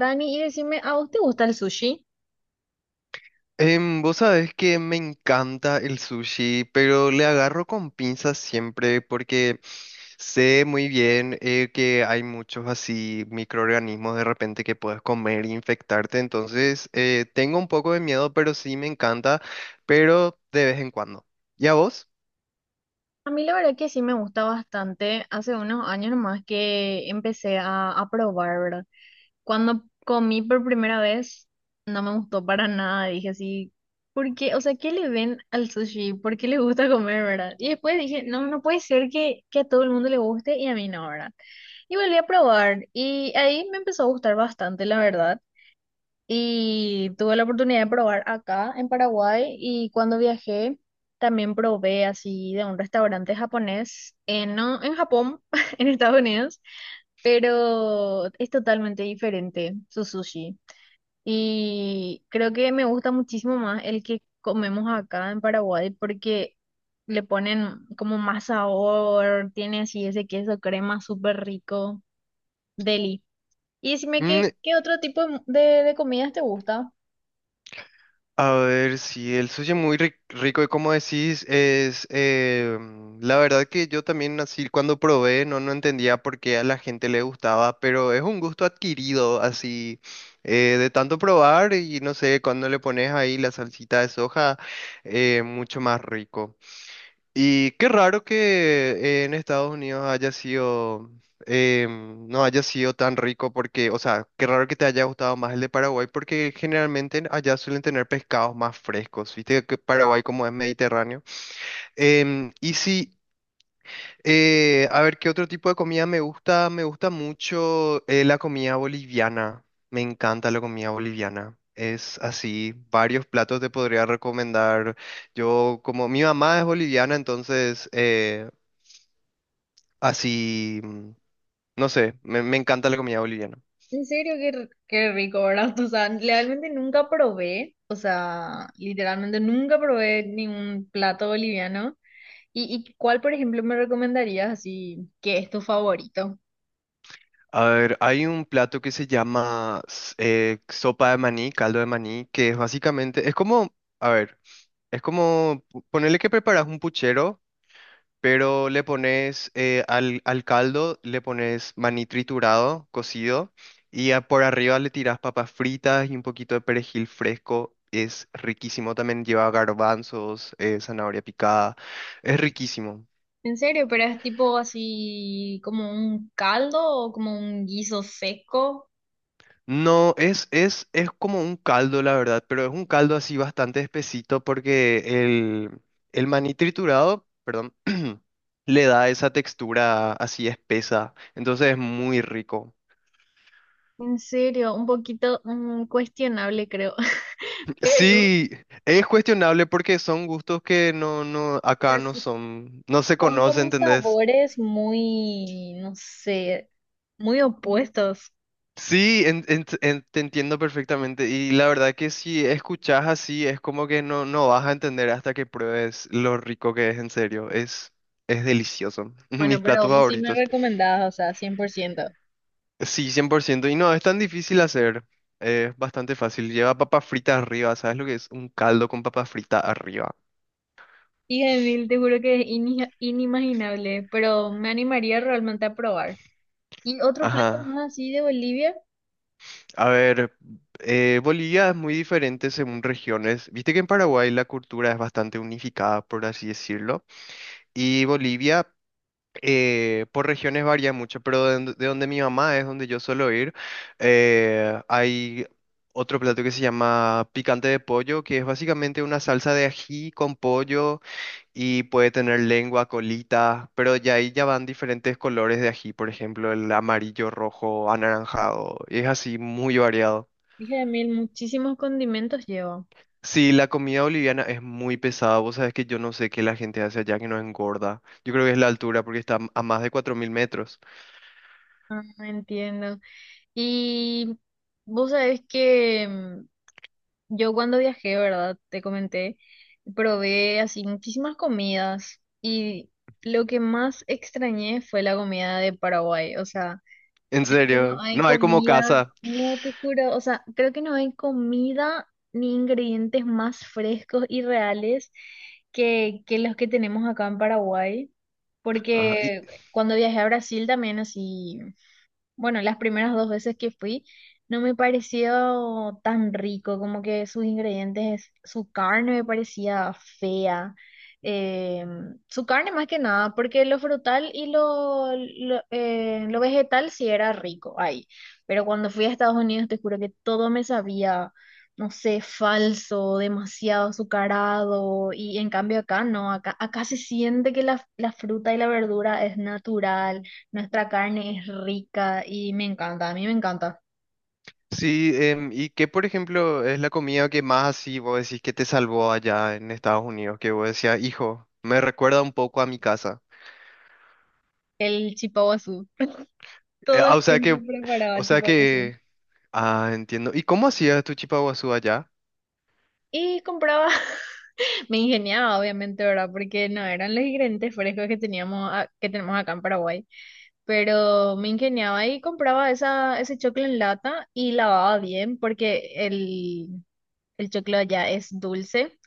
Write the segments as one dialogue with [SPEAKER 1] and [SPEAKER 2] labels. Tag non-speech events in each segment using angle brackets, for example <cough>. [SPEAKER 1] Dani, y decime, ¿a vos te gusta el sushi?
[SPEAKER 2] Vos sabés que me encanta el sushi, pero le agarro con pinzas siempre porque sé muy bien que hay muchos así microorganismos de repente que puedes comer e infectarte, entonces tengo un poco de miedo, pero sí me encanta, pero de vez en cuando. ¿Y a vos?
[SPEAKER 1] A mí la verdad que sí me gusta bastante. Hace unos años nomás que empecé a probar, ¿verdad? Cuando comí por primera vez, no me gustó para nada. Dije así, ¿por qué? O sea, ¿qué le ven al sushi? ¿Por qué le gusta comer, verdad? Y después dije, no, no puede ser que a todo el mundo le guste y a mí no, ¿verdad? Y volví a probar y ahí me empezó a gustar bastante, la verdad. Y tuve la oportunidad de probar acá en Paraguay y cuando viajé también probé así de un restaurante japonés, en, no en Japón, <laughs> en Estados Unidos, pero es totalmente diferente su sushi. Y creo que me gusta muchísimo más el que comemos acá en Paraguay porque le ponen como más sabor, tiene así ese queso crema súper rico, deli. Y decime qué,
[SPEAKER 2] Mm.
[SPEAKER 1] qué otro tipo de comidas te gusta.
[SPEAKER 2] A ver, si el sushi muy rico y como decís, es la verdad que yo también así cuando probé no, no entendía por qué a la gente le gustaba, pero es un gusto adquirido así de tanto probar y no sé, cuando le pones ahí la salsita de soja, mucho más rico. Y qué raro que en Estados Unidos haya sido, no haya sido tan rico porque, o sea, qué raro que te haya gustado más el de Paraguay porque generalmente allá suelen tener pescados más frescos, viste que Paraguay como es mediterráneo. Y sí, a ver, ¿qué otro tipo de comida me gusta? Me gusta mucho la comida boliviana, me encanta la comida boliviana. Es así, varios platos te podría recomendar. Yo, como mi mamá es boliviana, entonces así, no sé, me encanta la comida boliviana.
[SPEAKER 1] En serio, qué rico, ¿verdad? <laughs> O sea, realmente nunca probé, o sea, literalmente nunca probé ningún plato boliviano. ¿Y cuál, por ejemplo, me recomendarías así que es tu favorito?
[SPEAKER 2] A ver, hay un plato que se llama sopa de maní, caldo de maní, que es básicamente, es como, a ver, es como ponerle que preparas un puchero, pero le pones al caldo, le pones maní triturado, cocido, y por arriba le tiras papas fritas y un poquito de perejil fresco. Es riquísimo, también lleva garbanzos, zanahoria picada, es riquísimo.
[SPEAKER 1] En serio, pero es tipo así como un caldo o como un guiso seco.
[SPEAKER 2] No, es como un caldo, la verdad, pero es un caldo así bastante espesito porque el, el maní triturado, perdón, <clears throat> le da esa textura así espesa, entonces es muy rico. <laughs>
[SPEAKER 1] En serio, un poquito cuestionable, creo. <laughs> Pero,
[SPEAKER 2] Sí, es cuestionable porque son gustos que no, no,
[SPEAKER 1] o
[SPEAKER 2] acá
[SPEAKER 1] sea,
[SPEAKER 2] no
[SPEAKER 1] sí
[SPEAKER 2] son, no se
[SPEAKER 1] son
[SPEAKER 2] conocen,
[SPEAKER 1] como
[SPEAKER 2] ¿entendés?
[SPEAKER 1] sabores muy, no sé, muy opuestos.
[SPEAKER 2] Sí, te entiendo perfectamente. Y la verdad que si escuchas así, es como que no, no vas a entender hasta que pruebes lo rico que es en serio. Es delicioso. <laughs> Mis
[SPEAKER 1] Bueno, pero
[SPEAKER 2] platos
[SPEAKER 1] vos sí me
[SPEAKER 2] favoritos.
[SPEAKER 1] recomendabas, o sea, 100%
[SPEAKER 2] Sí, 100%. Y no, es tan difícil hacer. Es bastante fácil. Lleva papa frita arriba. ¿Sabes lo que es? Un caldo con papa frita arriba.
[SPEAKER 1] y mil, te juro que es inimaginable, pero me animaría realmente a probar. Y otro plato
[SPEAKER 2] Ajá.
[SPEAKER 1] más así de Bolivia,
[SPEAKER 2] A ver, Bolivia es muy diferente según regiones. Viste que en Paraguay la cultura es bastante unificada, por así decirlo. Y Bolivia, por regiones varía mucho, pero de donde mi mamá es, donde yo suelo ir, hay otro plato que se llama picante de pollo, que es básicamente una salsa de ají con pollo y puede tener lengua, colita, pero ya ahí ya van diferentes colores de ají, por ejemplo, el amarillo, rojo, anaranjado, y es así muy variado.
[SPEAKER 1] dije de mil, muchísimos condimentos lleva.
[SPEAKER 2] Sí, la comida boliviana es muy pesada. Vos sabés que yo no sé qué la gente hace allá que no engorda. Yo creo que es la altura porque está a más de 4000 metros.
[SPEAKER 1] Ah, entiendo. Y vos sabés que yo cuando viajé, ¿verdad? Te comenté, probé así muchísimas comidas y lo que más extrañé fue la comida de Paraguay, o sea...
[SPEAKER 2] En
[SPEAKER 1] que no
[SPEAKER 2] serio,
[SPEAKER 1] hay
[SPEAKER 2] no hay como
[SPEAKER 1] comida,
[SPEAKER 2] casa.
[SPEAKER 1] no te juro, o sea, creo que no hay comida ni ingredientes más frescos y reales que los que tenemos acá en Paraguay,
[SPEAKER 2] Ajá. Y
[SPEAKER 1] porque cuando viajé a Brasil también así bueno, las primeras dos veces que fui no me pareció tan rico, como que sus ingredientes, su carne me parecía fea. eh, su carne más que nada, porque lo frutal y lo vegetal sí era rico ahí. Pero cuando fui a Estados Unidos te juro que todo me sabía, no sé, falso, demasiado azucarado. Y en cambio acá no, acá se siente que la fruta y la verdura es natural. Nuestra carne es rica y me encanta, a mí me encanta.
[SPEAKER 2] sí, ¿y qué, por ejemplo, es la comida que más así vos decís que te salvó allá en Estados Unidos? Que vos decías, hijo, me recuerda un poco a mi casa.
[SPEAKER 1] El chipaguazú. Todo el
[SPEAKER 2] Ah, o sea que,
[SPEAKER 1] tiempo
[SPEAKER 2] o
[SPEAKER 1] preparaba
[SPEAKER 2] sea
[SPEAKER 1] chipaguazú.
[SPEAKER 2] que, ah, entiendo. ¿Y cómo hacías tu chipaguazú allá?
[SPEAKER 1] Y compraba, <laughs> me ingeniaba obviamente, ¿verdad? Porque no eran los ingredientes frescos que teníamos, que tenemos acá en Paraguay. Pero me ingeniaba y compraba ese choclo en lata y lavaba bien porque el choclo allá es dulce.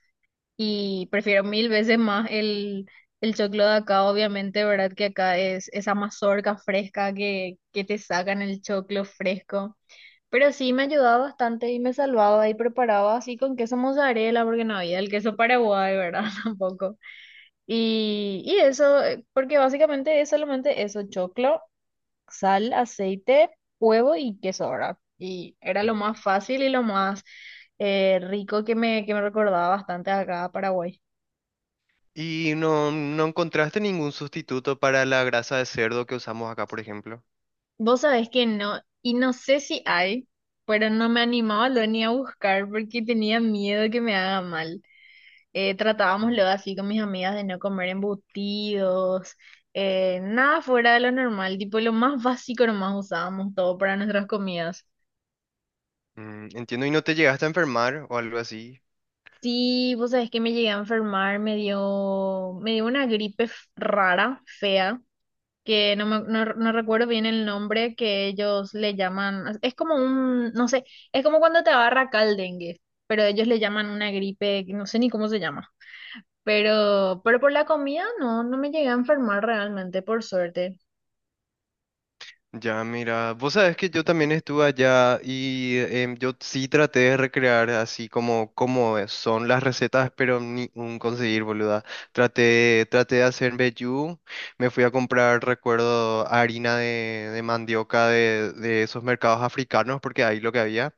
[SPEAKER 1] Y prefiero mil veces más el choclo de acá, obviamente, ¿verdad? Que acá es esa mazorca fresca que te sacan el choclo fresco. Pero sí me ayudaba bastante y me salvaba y preparaba así con queso mozzarella, porque no había el queso paraguay, ¿verdad? <laughs> Tampoco. Y eso, porque básicamente es solamente eso, choclo, sal, aceite, huevo y queso, ¿verdad? Y era lo más fácil y lo más rico que me recordaba bastante acá a Paraguay.
[SPEAKER 2] ¿Y no, no encontraste ningún sustituto para la grasa de cerdo que usamos acá, por ejemplo?
[SPEAKER 1] Vos sabés que no, y no sé si hay, pero no me animaba lo ni a buscar porque tenía miedo que me haga mal. Tratábamos
[SPEAKER 2] Mm.
[SPEAKER 1] luego así con mis amigas de no comer embutidos, nada fuera de lo normal, tipo lo más básico nomás usábamos todo para nuestras comidas.
[SPEAKER 2] Mm, entiendo, ¿y no te llegaste a enfermar o algo así?
[SPEAKER 1] Sí, vos sabés que me llegué a enfermar, me dio una gripe rara, fea. Que no, no recuerdo bien el nombre que ellos le llaman, es como un, no sé, es como cuando te agarra acá el dengue, pero ellos le llaman una gripe, que no sé ni cómo se llama, pero por la comida no, no me llegué a enfermar realmente, por suerte.
[SPEAKER 2] Ya, mira, vos sabés que yo también estuve allá y yo sí traté de recrear así como, como son las recetas, pero ni un conseguir, boluda. Traté de hacer vellú, me fui a comprar, recuerdo, harina de mandioca de esos mercados africanos, porque ahí lo que había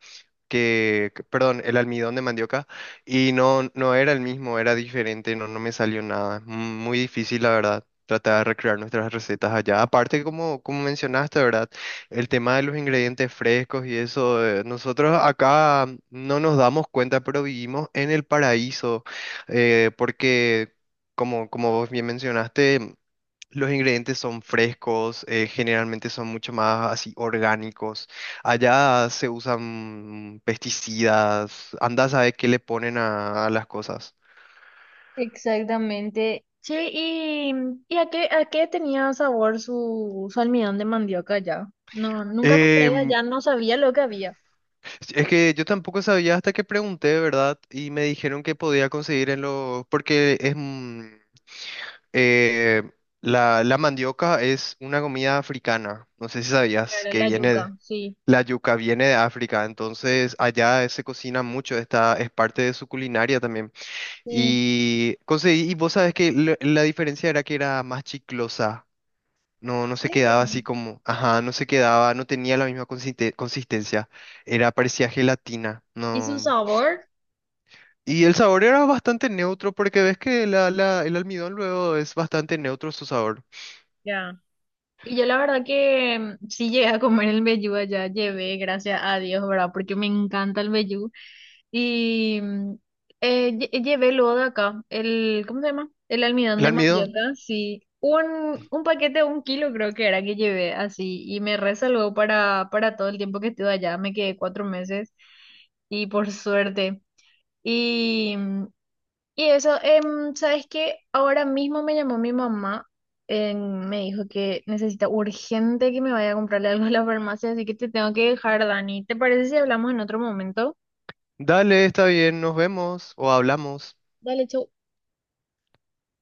[SPEAKER 2] perdón, el almidón de mandioca y no, no era el mismo, era diferente, no, no me salió nada. Es muy difícil, la verdad, tratar de recrear nuestras recetas allá. Aparte, como, como mencionaste, ¿verdad? El tema de los ingredientes frescos y eso, nosotros acá no nos damos cuenta, pero vivimos en el paraíso, porque, como, como vos bien mencionaste, los ingredientes son frescos, generalmente son mucho más así orgánicos. Allá se usan pesticidas, anda a saber qué le ponen a las cosas.
[SPEAKER 1] Exactamente. Sí, ¿y a qué tenía sabor su almidón de mandioca ya? No, nunca compré
[SPEAKER 2] Em,
[SPEAKER 1] allá, no sabía lo que había.
[SPEAKER 2] sí, es que yo tampoco sabía hasta que pregunté, ¿verdad? Y me dijeron que podía conseguir en los... Porque es... eh, la mandioca es una comida africana, no sé si sabías
[SPEAKER 1] Claro,
[SPEAKER 2] que
[SPEAKER 1] la
[SPEAKER 2] viene... de-
[SPEAKER 1] yuca, sí.
[SPEAKER 2] La yuca viene de África, entonces allá se cocina mucho, esta es parte de su culinaria también.
[SPEAKER 1] Sí.
[SPEAKER 2] Y conseguí, y vos sabes que la diferencia era que era más chiclosa. No,
[SPEAKER 1] ¿En
[SPEAKER 2] no se
[SPEAKER 1] serio?
[SPEAKER 2] quedaba así como, ajá, no se quedaba, no tenía la misma consistencia. Era, parecía gelatina.
[SPEAKER 1] ¿Y su
[SPEAKER 2] No.
[SPEAKER 1] sabor?
[SPEAKER 2] Y el sabor era bastante neutro, porque ves que el almidón luego es bastante neutro su sabor.
[SPEAKER 1] Ya. Y yo la verdad que sí llegué a comer el vellú allá, llevé, gracias a Dios, ¿verdad? Porque me encanta el vellú. Y llevé luego de acá el, ¿cómo se llama? El almidón
[SPEAKER 2] El
[SPEAKER 1] de
[SPEAKER 2] almidón.
[SPEAKER 1] mandioca, sí. Un paquete, un kilo creo que era que llevé así. Y me resalvó para todo el tiempo que estuve allá. Me quedé 4 meses y por suerte. Y, mm, y eso, ¿sabes qué? Ahora mismo me llamó mi mamá, em, me dijo que necesita urgente que me vaya a comprarle algo a la farmacia, así que te tengo que dejar, Dani. ¿Te parece si hablamos en otro momento?
[SPEAKER 2] Dale, está bien, nos vemos o hablamos.
[SPEAKER 1] Dale, chau.